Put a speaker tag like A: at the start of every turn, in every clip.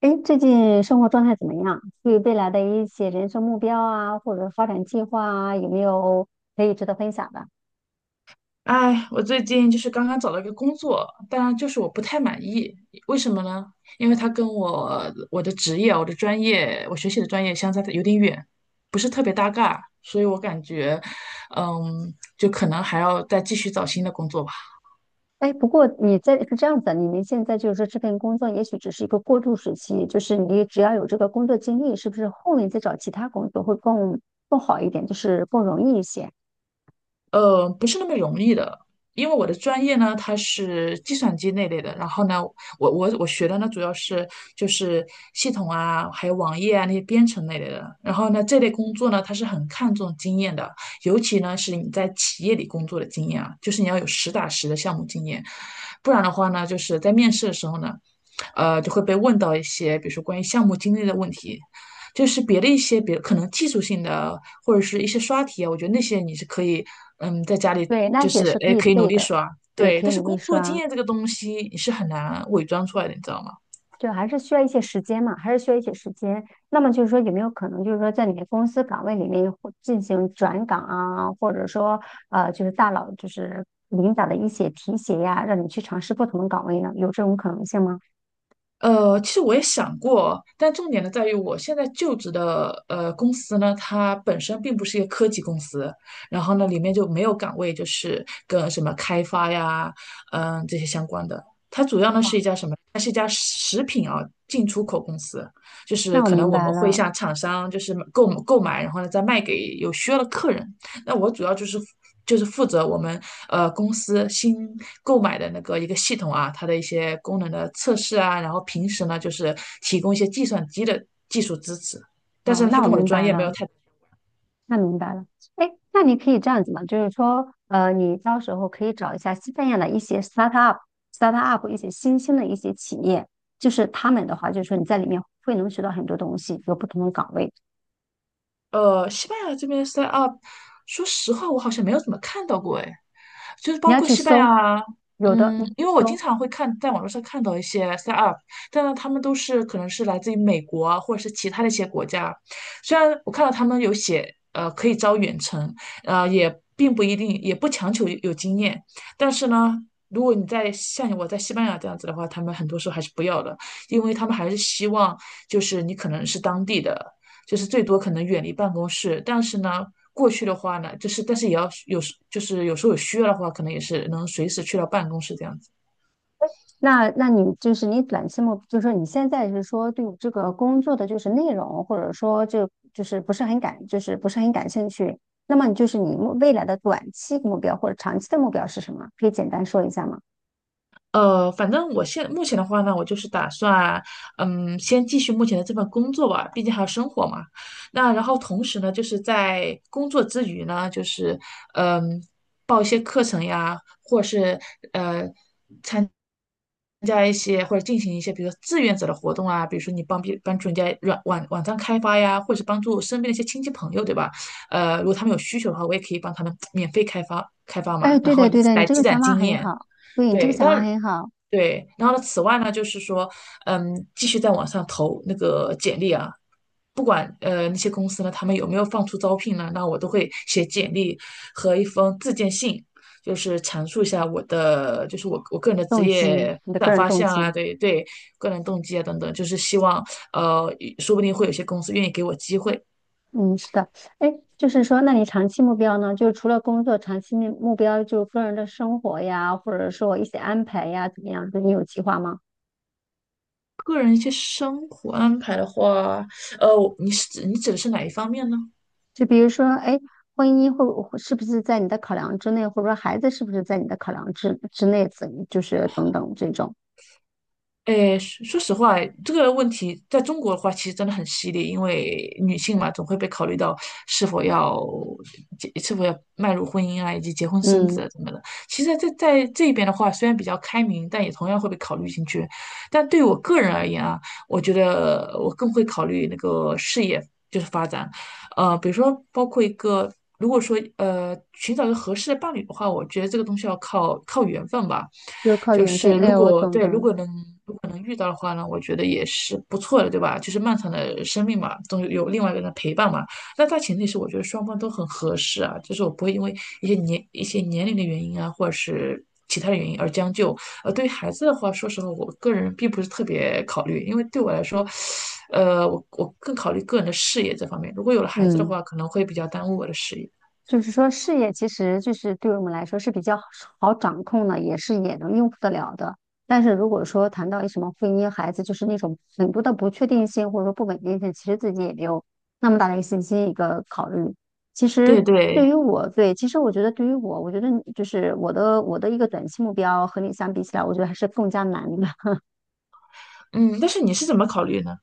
A: 哎，最近生活状态怎么样？对于未来的一些人生目标啊，或者发展计划啊，有没有可以值得分享的？
B: 哎，我最近就是刚刚找了一个工作，当然就是我不太满意，为什么呢？因为它跟我的职业、我的专业、我学习的专业相差得有点远，不是特别搭嘎，所以我感觉，就可能还要再继续找新的工作吧。
A: 哎，不过你在是这样子的，你们现在就是说这份工作也许只是一个过渡时期，就是你只要有这个工作经历，是不是后面再找其他工作会更好一点，就是更容易一些？
B: 不是那么容易的，因为我的专业呢，它是计算机那类的。然后呢，我学的呢，主要是就是系统啊，还有网页啊那些编程那类的。然后呢，这类工作呢，它是很看重经验的，尤其呢是你在企业里工作的经验啊，就是你要有实打实的项目经验，不然的话呢，就是在面试的时候呢，就会被问到一些，比如说关于项目经历的问题。就是别的一些别可能技术性的或者是一些刷题啊，我觉得那些你是可以，在家里
A: 对，那
B: 就
A: 些
B: 是
A: 是可
B: 哎
A: 以
B: 可以努
A: 背
B: 力
A: 的。
B: 刷，
A: 对，
B: 对，
A: 可以
B: 但是
A: 努力
B: 工作经
A: 刷。
B: 验这个东西你是很难伪装出来的，你知道吗？
A: 就还是需要一些时间嘛，还是需要一些时间。那么就是说，有没有可能就是说，在你的公司岗位里面或进行转岗啊，或者说就是大佬就是领导的一些提携呀，让你去尝试不同的岗位呢？有这种可能性吗？
B: 其实我也想过，但重点呢在于我现在就职的公司呢，它本身并不是一个科技公司，然后呢里面就没有岗位就是跟什么开发呀，这些相关的。它主要呢
A: 啊，
B: 是一家什么？它是一家食品啊进出口公司，就是
A: 那我
B: 可能
A: 明
B: 我们
A: 白
B: 会
A: 了。
B: 向厂商就是购买，然后呢再卖给有需要的客人。那我主要就是负责我们公司新购买的那个一个系统啊，它的一些功能的测试啊，然后平时呢就是提供一些计算机的技术支持，但
A: 啊，
B: 是呢它
A: 那我
B: 跟我的
A: 明
B: 专
A: 白
B: 业没有
A: 了。
B: 太。
A: 那明白了。哎，那你可以这样子嘛，就是说，你到时候可以找一下西班牙的一些 startup 一些新兴的一些企业，就是他们的话，就是说你在里面会能学到很多东西，有不同的岗位。
B: 西班牙这边的 s t up，说实话，我好像没有怎么看到过，哎，就是
A: 你
B: 包
A: 要
B: 括
A: 去
B: 西班
A: 搜，
B: 牙，
A: 有的你
B: 因
A: 去
B: 为我经
A: 搜。
B: 常会看在网络上看到一些 s e t up，但呢，他们都是可能是来自于美国啊或者是其他的一些国家，虽然我看到他们有写，可以招远程，也并不一定，也不强求有经验，但是呢。如果你在像我在西班牙这样子的话，他们很多时候还是不要的，因为他们还是希望就是你可能是当地的，就是最多可能远离办公室。但是呢，过去的话呢，就是但是也要有就是有时候有需要的话，可能也是能随时去到办公室这样子。
A: 那你就是你短期目，就是说你现在是说对这个工作的就是内容，或者说就就是不是很感，就是不是很感兴趣。那么你就是你未来的短期目标或者长期的目标是什么？可以简单说一下吗？
B: 反正我现目前的话呢，我就是打算，先继续目前的这份工作吧，毕竟还有生活嘛。那然后同时呢，就是在工作之余呢，就是嗯，等呀，或是呃参加一些或者进行一些，比如说志愿者的活动啊，比如说你帮别帮助人家软网网站开发呀，或者是帮助身边的一些亲戚朋友，对吧？如果他们有需求的话，我也可以帮他们免费开发开发
A: 哎，
B: 嘛，然
A: 对
B: 后
A: 的，
B: 以
A: 对
B: 此
A: 的，你
B: 来
A: 这个
B: 积攒
A: 想法
B: 经
A: 很
B: 验。
A: 好。对，你这个
B: 对，
A: 想
B: 但
A: 法
B: 是
A: 很好。
B: 对，然后呢，此外呢，就是说，继续在网上投那个简历啊，不管那些公司呢，他们有没有放出招聘呢，那我都会写简历和一封自荐信，就是阐述一下我的，就是我个人的职
A: 动机，
B: 业
A: 你的
B: 发
A: 个
B: 展
A: 人
B: 方
A: 动
B: 向啊，
A: 机。
B: 对对，个人动机啊等等，就是希望呃，说不定会有些公司愿意给我机会。
A: 嗯，是的。哎，就是说，那你长期目标呢？就是除了工作，长期目标就是个人的生活呀，或者说一些安排呀，怎么样？就你有计划吗？
B: 个人一些生活安排的话，呃，你指的是哪一方面呢？
A: 就比如说，哎，婚姻会是不是在你的考量之内，或者说孩子是不是在你的考量之内，就是等等这种。
B: 诶，说实话，这个问题在中国的话，其实真的很犀利，因为女性嘛，总会被考虑到是否要结，是否要迈入婚姻啊，以及结婚生
A: 嗯，
B: 子啊什么的。其实在这边的话，虽然比较开明，但也同样会被考虑进去。但对我个人而言啊，我觉得我更会考虑那个事业，就是发展。比如说包括一个，如果说寻找一个合适的伴侣的话，我觉得这个东西要靠缘分吧。
A: 就是靠
B: 就
A: 缘分，
B: 是
A: 哎，我懂的。
B: 如果能遇到的话呢，我觉得也是不错的，对吧？就是漫长的生命嘛，总有另外一个人的陪伴嘛。那大前提是我觉得双方都很合适啊，就是我不会因为一些年龄的原因啊，或者是其他的原因而将就。对于孩子的话，说实话，我个人并不是特别考虑，因为对我来说，我更考虑个人的事业这方面。如果有了孩子的
A: 嗯。
B: 话，可能会比较耽误我的事业。
A: 就是说，事业其实就是对我们来说是比较好掌控的，也是也能应付得了的。但是如果说谈到什么婚姻、孩子，就是那种很多的不确定性或者说不稳定性，其实自己也没有那么大的一个信心一个考虑。其实
B: 对
A: 对
B: 对，
A: 于我，对，其实我觉得对于我，我觉得就是我的一个短期目标和你相比起来，我觉得还是更加难的。
B: 嗯，但是你是怎么考虑呢？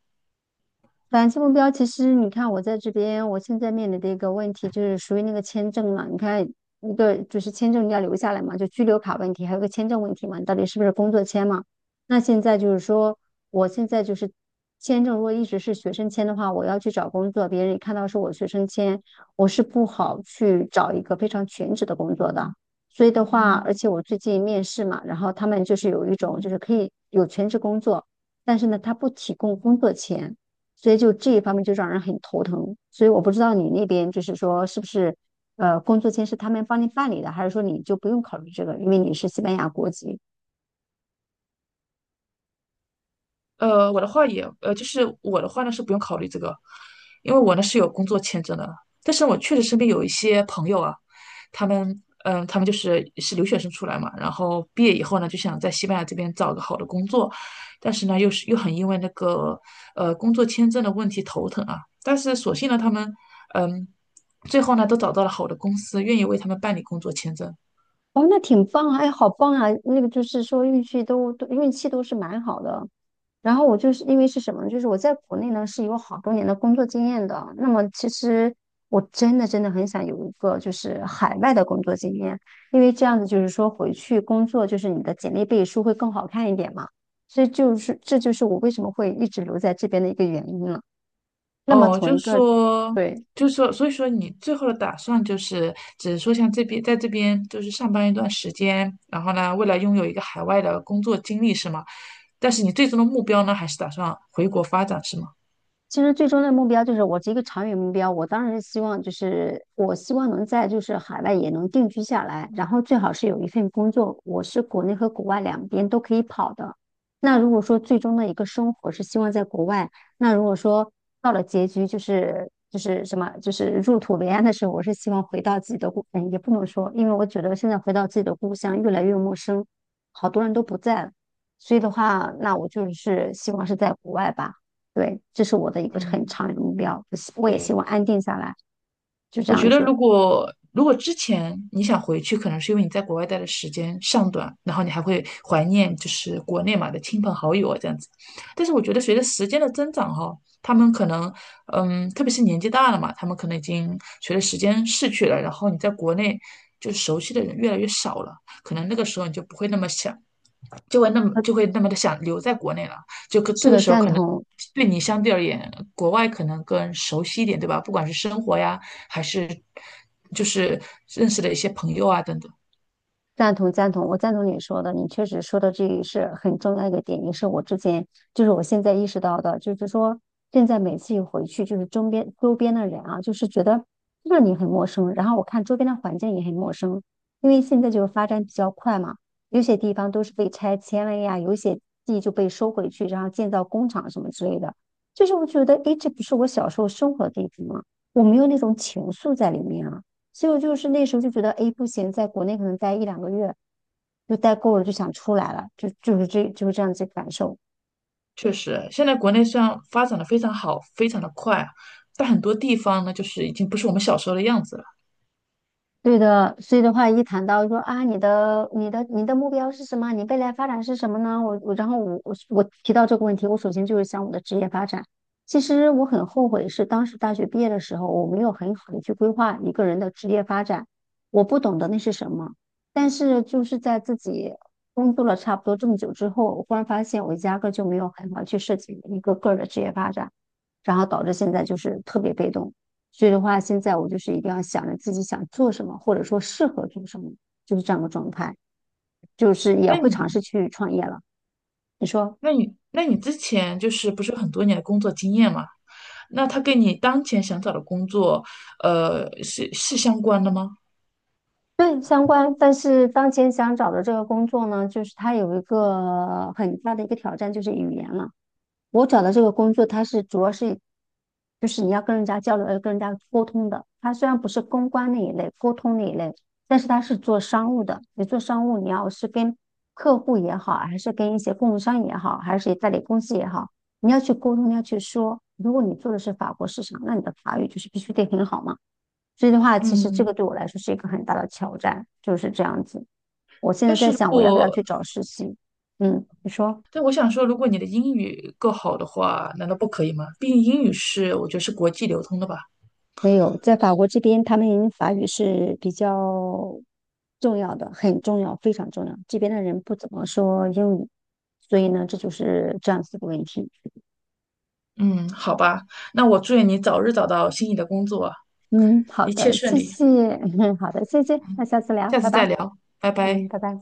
A: 短期目标其实，你看我在这边，我现在面临的一个问题就是属于那个签证嘛。你看，一个就是签证你要留下来嘛，就居留卡问题，还有个签证问题嘛，你到底是不是工作签嘛？那现在就是说，我现在就是签证，如果一直是学生签的话，我要去找工作，别人一看到是我学生签，我是不好去找一个非常全职的工作的。所以的话，而且我最近面试嘛，然后他们就是有一种就是可以有全职工作，但是呢，他不提供工作签。所以就这一方面就让人很头疼。所以我不知道你那边就是说是不是工作签是他们帮你办理的，还是说你就不用考虑这个，因为你是西班牙国籍。
B: 我的话也，呃，就是我的话呢是不用考虑这个，因为我呢是有工作签证的。但是我确实身边有一些朋友啊，他们就是留学生出来嘛，然后毕业以后呢就想在西班牙这边找个好的工作，但是呢又是又很因为那个工作签证的问题头疼啊。但是所幸呢他们，嗯，最后呢都找到了好的公司，愿意为他们办理工作签证。
A: 哦，那挺棒啊！哎，好棒啊！那个就是说运气都是蛮好的。然后我就是因为是什么呢，就是我在国内呢是有好多年的工作经验的。那么其实我真的真的很想有一个就是海外的工作经验，因为这样子就是说回去工作就是你的简历背书会更好看一点嘛。所以就是这就是我为什么会一直留在这边的一个原因了。那么
B: 哦，
A: 从
B: 就
A: 一个
B: 说，
A: 对。
B: 就说，所以说你最后的打算就是，只是说像这边，在这边就是上班一段时间，然后呢，未来拥有一个海外的工作经历是吗？但是你最终的目标呢，还是打算回国发展是吗？
A: 其实最终的目标就是我是一个长远目标，我当然是希望就是我希望能在就是海外也能定居下来，然后最好是有一份工作，我是国内和国外两边都可以跑的。那如果说最终的一个生活是希望在国外，那如果说到了结局就是就是什么就是入土为安的时候，我是希望回到自己的故，嗯，也不能说，因为我觉得现在回到自己的故乡越来越陌生，好多人都不在了，所以的话，那我就是希望是在国外吧。对，这是我的一个很
B: 嗯，
A: 长远的目标，我也希
B: 对，
A: 望安定下来，就这
B: 我觉
A: 样
B: 得
A: 子。
B: 如果之前你想回去，可能是因为你在国外待的时间尚短，然后你还会怀念就是国内嘛的亲朋好友啊这样子。但是我觉得随着时间的增长哈，他们可能特别是年纪大了嘛，他们可能已经随着时间逝去了，然后你在国内就熟悉的人越来越少了，可能那个时候你就不会那么想。就会那么
A: 呃，
B: 就会那么的想留在国内了，
A: 是
B: 这个
A: 的，
B: 时候
A: 赞
B: 可能
A: 同。
B: 对你相对而言，国外可能更熟悉一点，对吧？不管是生活呀，还是就是认识的一些朋友啊等等。
A: 赞同赞同，我赞同你说的，你确实说的这个是很重要一个点，也是我之前就是我现在意识到的，就是说现在每次一回去，就是周边的人啊，就是觉得让你很陌生，然后我看周边的环境也很陌生，因为现在就是发展比较快嘛，有些地方都是被拆迁了呀，有些地就被收回去，然后建造工厂什么之类的，就是我觉得，诶，这不是我小时候生活的地方吗？我没有那种情愫在里面啊。所以我就是那时候就觉得，哎，不行，在国内可能待一两个月就待够了，就想出来了，就就是这就是这样子感受。
B: 确实，现在国内虽然发展的非常好，非常的快啊，但很多地方呢，就是已经不是我们小时候的样子了。
A: 对的，所以的话，一谈到说啊，你的目标是什么？你未来发展是什么呢？然后我提到这个问题，我首先就是想我的职业发展。其实我很后悔，是当时大学毕业的时候，我没有很好的去规划一个人的职业发展，我不懂得那是什么。但是就是在自己工作了差不多这么久之后，我忽然发现我压根儿就没有很好地去设计一个个人的职业发展，然后导致现在就是特别被动。所以的话，现在我就是一定要想着自己想做什么，或者说适合做什么，就是这样的状态。就是也
B: 那
A: 会
B: 你，
A: 尝试去创业了。你说
B: 那你之前就是不是有很多年的工作经验嘛？那他跟你当前想找的工作，是相关的吗？
A: 对相关，但是当前想找的这个工作呢，就是它有一个很大的一个挑战，就是语言了。我找的这个工作，它是主要是，就是你要跟人家交流，要跟人家沟通的。它虽然不是公关那一类，沟通那一类，但是它是做商务的。你做商务，你要是跟客户也好，还是跟一些供应商也好，还是代理公司也好，你要去沟通，你要去说。如果你做的是法国市场，那你的法语就是必须得很好嘛。所以的话，其实这个
B: 嗯，
A: 对我来说是一个很大的挑战，就是这样子。我现在
B: 但
A: 在
B: 是如
A: 想，我要不要
B: 果
A: 去找实习？嗯，你说。
B: 但我想说，如果你的英语够好的话，难道不可以吗？毕竟英语是我觉得是国际流通的吧。
A: 没有，在法国这边，他们法语是比较重要的，很重要，非常重要。这边的人不怎么说英语，所以呢，这就是这样子的问题。
B: 嗯，好吧，那我祝愿你早日找到心仪的工作，
A: 嗯，好
B: 一切
A: 的，
B: 顺
A: 谢
B: 利，
A: 谢，好的，谢谢，那下次聊，
B: 下
A: 拜
B: 次再
A: 拜。
B: 聊，拜
A: 嗯，
B: 拜。
A: 拜拜。